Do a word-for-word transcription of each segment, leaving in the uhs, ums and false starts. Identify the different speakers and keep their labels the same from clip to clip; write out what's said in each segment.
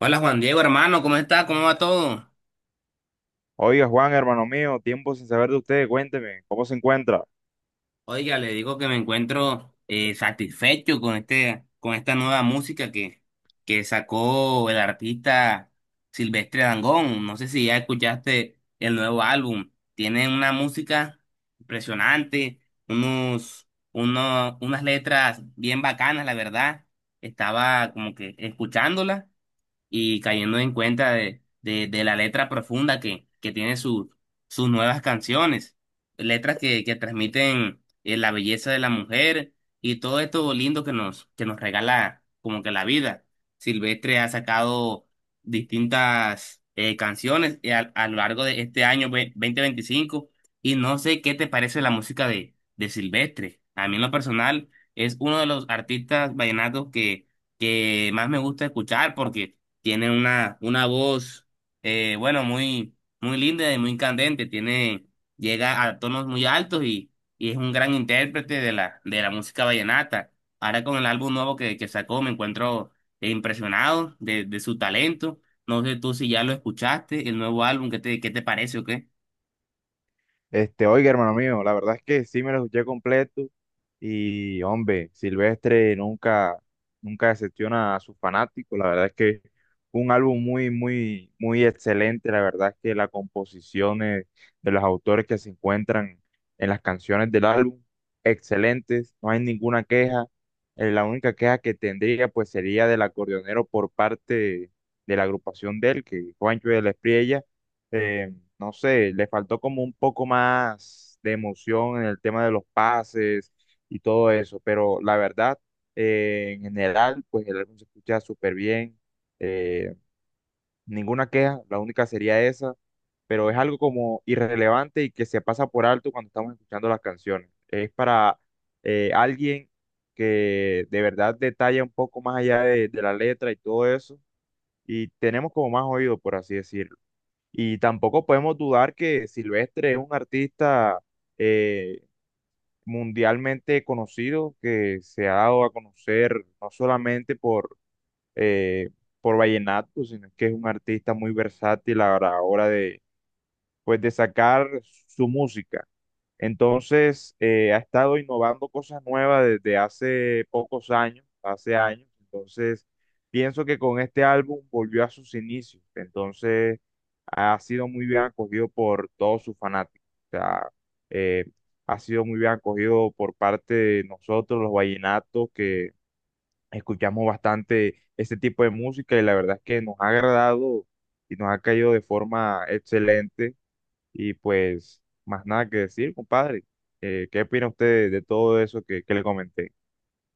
Speaker 1: Hola Juan Diego, hermano, ¿cómo está? ¿Cómo va todo?
Speaker 2: Oiga, Juan, hermano mío, tiempo sin saber de usted, cuénteme, ¿cómo se encuentra?
Speaker 1: Oiga, le digo que me encuentro eh, satisfecho con este, con esta nueva música que, que sacó el artista Silvestre Dangond. No sé si ya escuchaste el nuevo álbum. Tiene una música impresionante, unos, uno- unas letras bien bacanas, la verdad. Estaba como que escuchándola y cayendo en cuenta de, de, de la letra profunda que, que tiene su, sus nuevas canciones, letras que, que transmiten eh, la belleza de la mujer y todo esto lindo que nos, que nos regala como que la vida. Silvestre ha sacado distintas eh, canciones eh, a, a lo largo de este año ve- dos mil veinticinco y no sé qué te parece la música de, de Silvestre. A mí en lo personal es uno de los artistas vallenatos que, que más me gusta escuchar porque tiene una, una voz, eh, bueno, muy, muy linda y muy candente, tiene, llega a tonos muy altos y, y es un gran intérprete de la, de la música vallenata. Ahora con el álbum nuevo que, que sacó me encuentro eh, impresionado de, de su talento. No sé tú si ya lo escuchaste el nuevo álbum. ¿Qué te, qué te parece o qué?
Speaker 2: Este, oiga, hermano mío, la verdad es que sí me lo escuché completo y, hombre, Silvestre nunca, nunca decepciona a sus fanáticos. La verdad es que un álbum muy, muy, muy excelente. La verdad es que las composiciones de los autores que se encuentran en las canciones del álbum, excelentes. No hay ninguna queja. Eh, la única queja que tendría, pues, sería del acordeonero por parte de la agrupación de él, que Juancho de la Espriella eh, no sé, le faltó como un poco más de emoción en el tema de los pases y todo eso, pero la verdad, eh, en general, pues el álbum se escucha súper bien, eh, ninguna queja, la única sería esa, pero es algo como irrelevante y que se pasa por alto cuando estamos escuchando las canciones. Es para eh, alguien que de verdad detalla un poco más allá de de la letra y todo eso, y tenemos como más oído, por así decirlo. Y tampoco podemos dudar que Silvestre es un artista eh, mundialmente conocido que se ha dado a conocer no solamente por, eh, por vallenato, sino que es un artista muy versátil a la hora de, pues, de sacar su música. Entonces, eh, ha estado innovando cosas nuevas desde hace pocos años, hace años. Entonces, pienso que con este álbum volvió a sus inicios. Entonces, ha sido muy bien acogido por todos sus fanáticos. O sea, eh, ha sido muy bien acogido por parte de nosotros, los vallenatos, que escuchamos bastante este tipo de música y la verdad es que nos ha agradado y nos ha caído de forma excelente y pues, más nada que decir, compadre. Eh, ¿qué opina usted de todo eso que, que le comenté?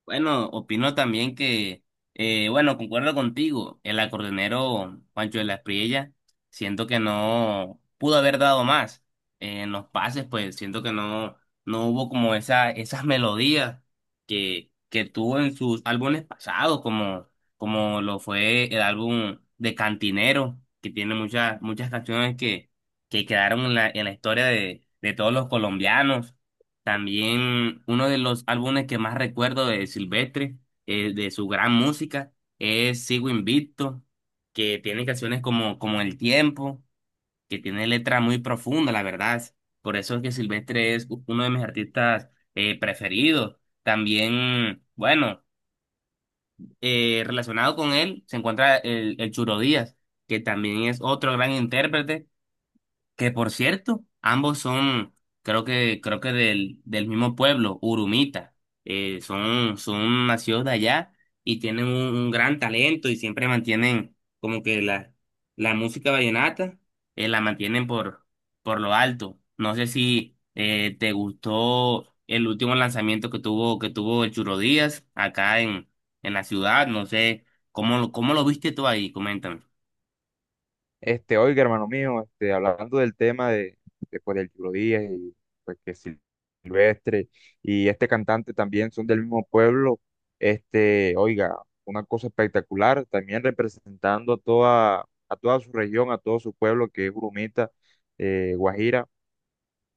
Speaker 1: Bueno, opino también que, eh, bueno, concuerdo contigo. El acordeonero Pancho de la Espriella, siento que no pudo haber dado más. Eh, en los pases, pues siento que no, no hubo como esa, esas melodías que, que tuvo en sus álbumes pasados, como, como lo fue el álbum de Cantinero, que tiene muchas, muchas canciones que, que quedaron en la, en la historia de, de todos los colombianos. También uno de los álbumes que más recuerdo de Silvestre, eh, de su gran música, es Sigo Invicto, que tiene canciones como, como El Tiempo, que tiene letras muy profundas, la verdad. Por eso es que Silvestre es u- uno de mis artistas eh, preferidos. También, bueno, eh, relacionado con él se encuentra el, el Churo Díaz, que también es otro gran intérprete que, por cierto, ambos son, creo que, creo que del, del mismo pueblo, Urumita. Eh, son, son nacidos de allá y tienen un, un gran talento y siempre mantienen como que la, la música vallenata, eh, la mantienen por, por lo alto. No sé si eh, te gustó el último lanzamiento que tuvo, que tuvo el Churo Díaz acá en, en la ciudad. No sé cómo, lo- cómo lo viste tú ahí, coméntame.
Speaker 2: Este, oiga, hermano mío, este, hablando del tema de, de, pues, del Chilo Díaz y pues que Sil- Silvestre y este cantante también son del mismo pueblo, este, oiga, una cosa espectacular, también representando a toda, a toda su región, a todo su pueblo que es Urumita, eh, Guajira.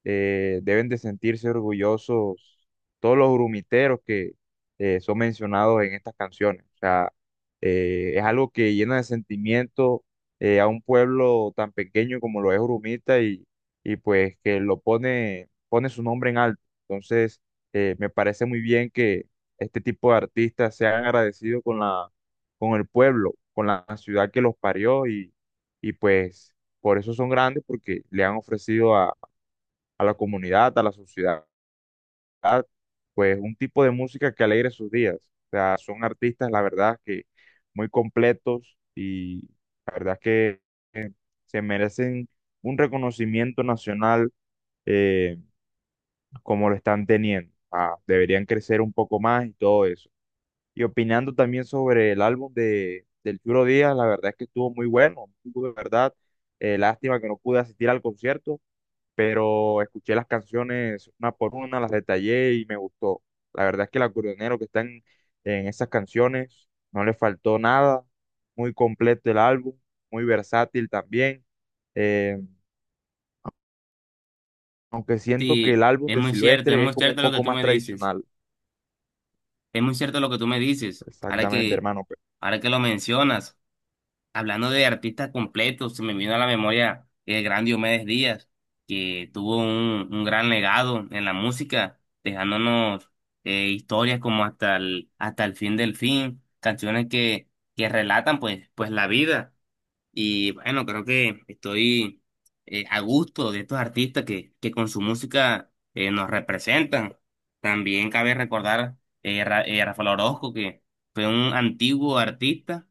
Speaker 2: eh, Deben de sentirse orgullosos todos los grumiteros que eh, son mencionados en estas canciones. O sea, eh, es algo que llena de sentimiento eh, a un pueblo tan pequeño como lo es Urumita y, y pues que lo pone, pone su nombre en alto. Entonces, eh, me parece muy bien que este tipo de artistas sean agradecidos con la, con el pueblo, con la ciudad que los parió y, y pues por eso son grandes porque le han ofrecido a la comunidad, a la sociedad, pues un tipo de música que alegre sus días. O sea, son artistas, la verdad, que muy completos y la verdad que se merecen un reconocimiento nacional eh, como lo están teniendo. Ah, deberían crecer un poco más y todo eso. Y opinando también sobre el álbum de, del Churo Díaz, la verdad es que estuvo muy bueno, estuvo de verdad. Eh, lástima que no pude asistir al concierto, pero escuché las canciones una por una, las detallé y me gustó. La verdad es que el acordeonero que está en, en esas canciones no le faltó nada, muy completo el álbum, muy versátil también, eh, aunque siento que el
Speaker 1: Sí,
Speaker 2: álbum
Speaker 1: es
Speaker 2: de
Speaker 1: muy cierto, es
Speaker 2: Silvestre
Speaker 1: muy
Speaker 2: es como un
Speaker 1: cierto lo que
Speaker 2: poco
Speaker 1: tú
Speaker 2: más
Speaker 1: me dices.
Speaker 2: tradicional.
Speaker 1: Es muy cierto lo que tú me dices. Ahora
Speaker 2: Exactamente,
Speaker 1: que,
Speaker 2: hermano.
Speaker 1: ahora que lo mencionas, hablando de artistas completos, se me vino a la memoria el gran Diomedes Díaz, que tuvo un, un gran legado en la música, dejándonos eh, historias como hasta el, hasta el fin del fin, canciones que, que relatan pues, pues la vida. Y bueno, creo que estoy eh, a gusto de estos artistas que, que con su música eh, nos representan. También cabe recordar eh, Ra- eh, Rafael Orozco, que fue un antiguo artista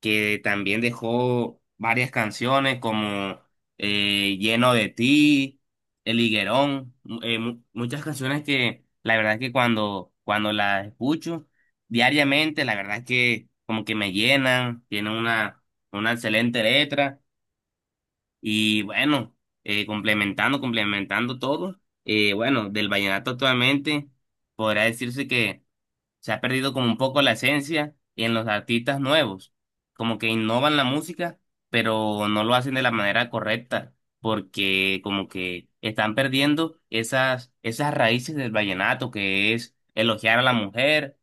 Speaker 1: que también dejó varias canciones como eh, Lleno de ti, El Higuerón, mu- eh, mu- muchas canciones que la verdad es que cuando, cuando las escucho diariamente, la verdad es que como que me llenan, tienen una una excelente letra y bueno, eh, complementando, complementando todo, eh, bueno, del vallenato actualmente podrá decirse que se ha perdido como un poco la esencia en los artistas nuevos, como que innovan la música, pero no lo hacen de la manera correcta, porque como que están perdiendo esas, esas raíces del vallenato que es elogiar a la mujer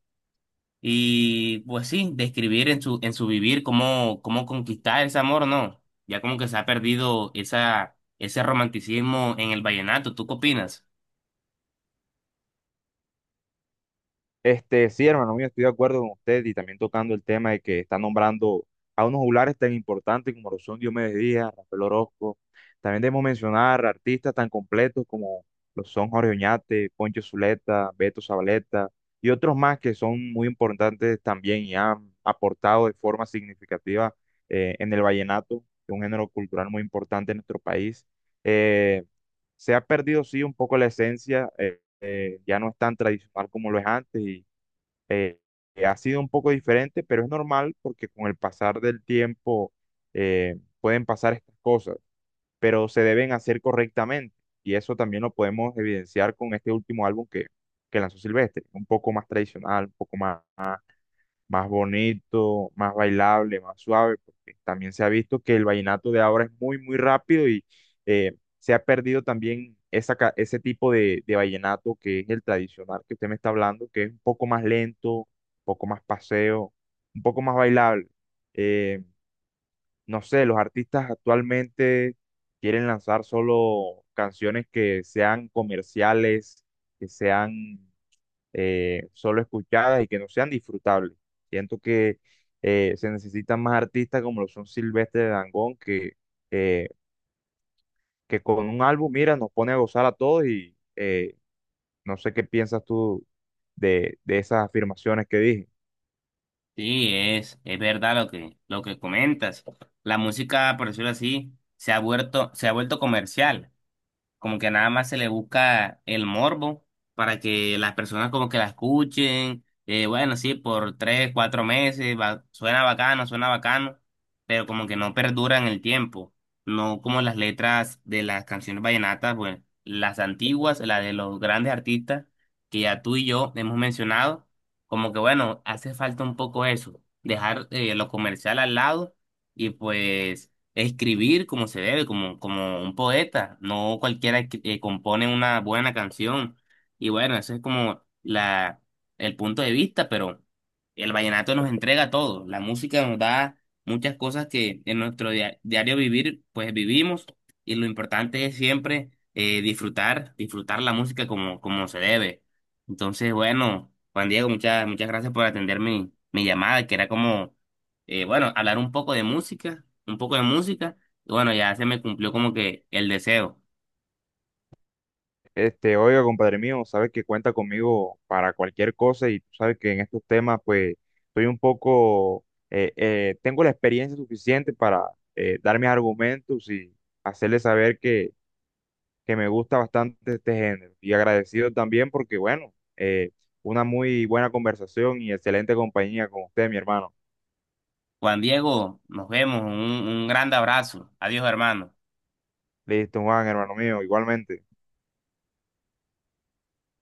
Speaker 1: y pues sí, describir en su, en su vivir cómo, cómo conquistar ese amor, ¿no? Ya como que se ha perdido esa, ese romanticismo en el vallenato. ¿Tú qué opinas?
Speaker 2: Este, sí, hermano mío, estoy de acuerdo con usted y también tocando el tema de que está nombrando a unos juglares tan importantes como lo son Diomedes Díaz, Rafael Orozco. También debemos mencionar artistas tan completos como lo son Jorge Oñate, Poncho Zuleta, Beto Zabaleta y otros más que son muy importantes también y han aportado de forma significativa eh, en el vallenato, que es un género cultural muy importante en nuestro país. Eh, Se ha perdido, sí, un poco la esencia, eh, eh, ya no es tan tradicional como lo es antes y eh, ha sido un poco diferente, pero es normal porque con el pasar del tiempo eh, pueden pasar estas cosas, pero se deben hacer correctamente. Y eso también lo podemos evidenciar con este último álbum que, que lanzó Silvestre, un poco más tradicional, un poco más más bonito, más bailable, más suave, porque también se ha visto que el vallenato de ahora es muy, muy rápido y eh, se ha perdido también esa, ca- ese tipo de, de vallenato que es el tradicional que usted me está hablando, que es un poco más lento, un poco más paseo, un poco más bailable. Eh, no sé, los artistas actualmente quieren lanzar solo canciones que sean comerciales, que sean eh, solo escuchadas y que no sean disfrutables. Siento que eh, se necesitan más artistas como lo son Silvestre Dangond, que, eh, que con un álbum, mira, nos pone a gozar a todos y eh, no sé qué piensas tú de, de esas afirmaciones que dije.
Speaker 1: Sí, es, es verdad lo que, lo que comentas. La música, por decirlo así, se ha vuelto, se ha vuelto comercial, como que nada más se le busca el morbo para que las personas como que la escuchen, eh, bueno, sí, por tres, cuatro meses, va- suena bacano, suena bacano, pero como que no perduran el tiempo, no como las letras de las canciones vallenatas, bueno, las antiguas, las de los grandes artistas que ya tú y yo hemos mencionado, como que bueno, hace falta un poco eso, dejar eh, lo comercial al lado y pues escribir como se debe, como, como un poeta. No cualquiera que que compone una buena canción. Y bueno, eso es como la, el punto de vista, pero el vallenato nos entrega todo. La música nos da muchas cosas que en nuestro dia- diario vivir, pues vivimos. Y lo importante es siempre eh, disfrutar, disfrutar la música como, como se debe. Entonces, bueno, Juan Diego, muchas, muchas gracias por atender mi, mi llamada, que era como eh, bueno, hablar un poco de música, un poco de música, y bueno, ya se me cumplió como que el deseo.
Speaker 2: Este, oiga, compadre mío, sabes que cuenta conmigo para cualquier cosa y tú sabes que en estos temas, pues, estoy un poco, eh, eh, tengo la experiencia suficiente para eh, dar mis argumentos y hacerle saber que que me gusta bastante este género. Y agradecido también porque, bueno, eh, una muy buena conversación y excelente compañía con usted, mi hermano.
Speaker 1: Juan Diego, nos vemos, un, un grande abrazo. Adiós, hermano.
Speaker 2: Listo, Juan, hermano mío, igualmente.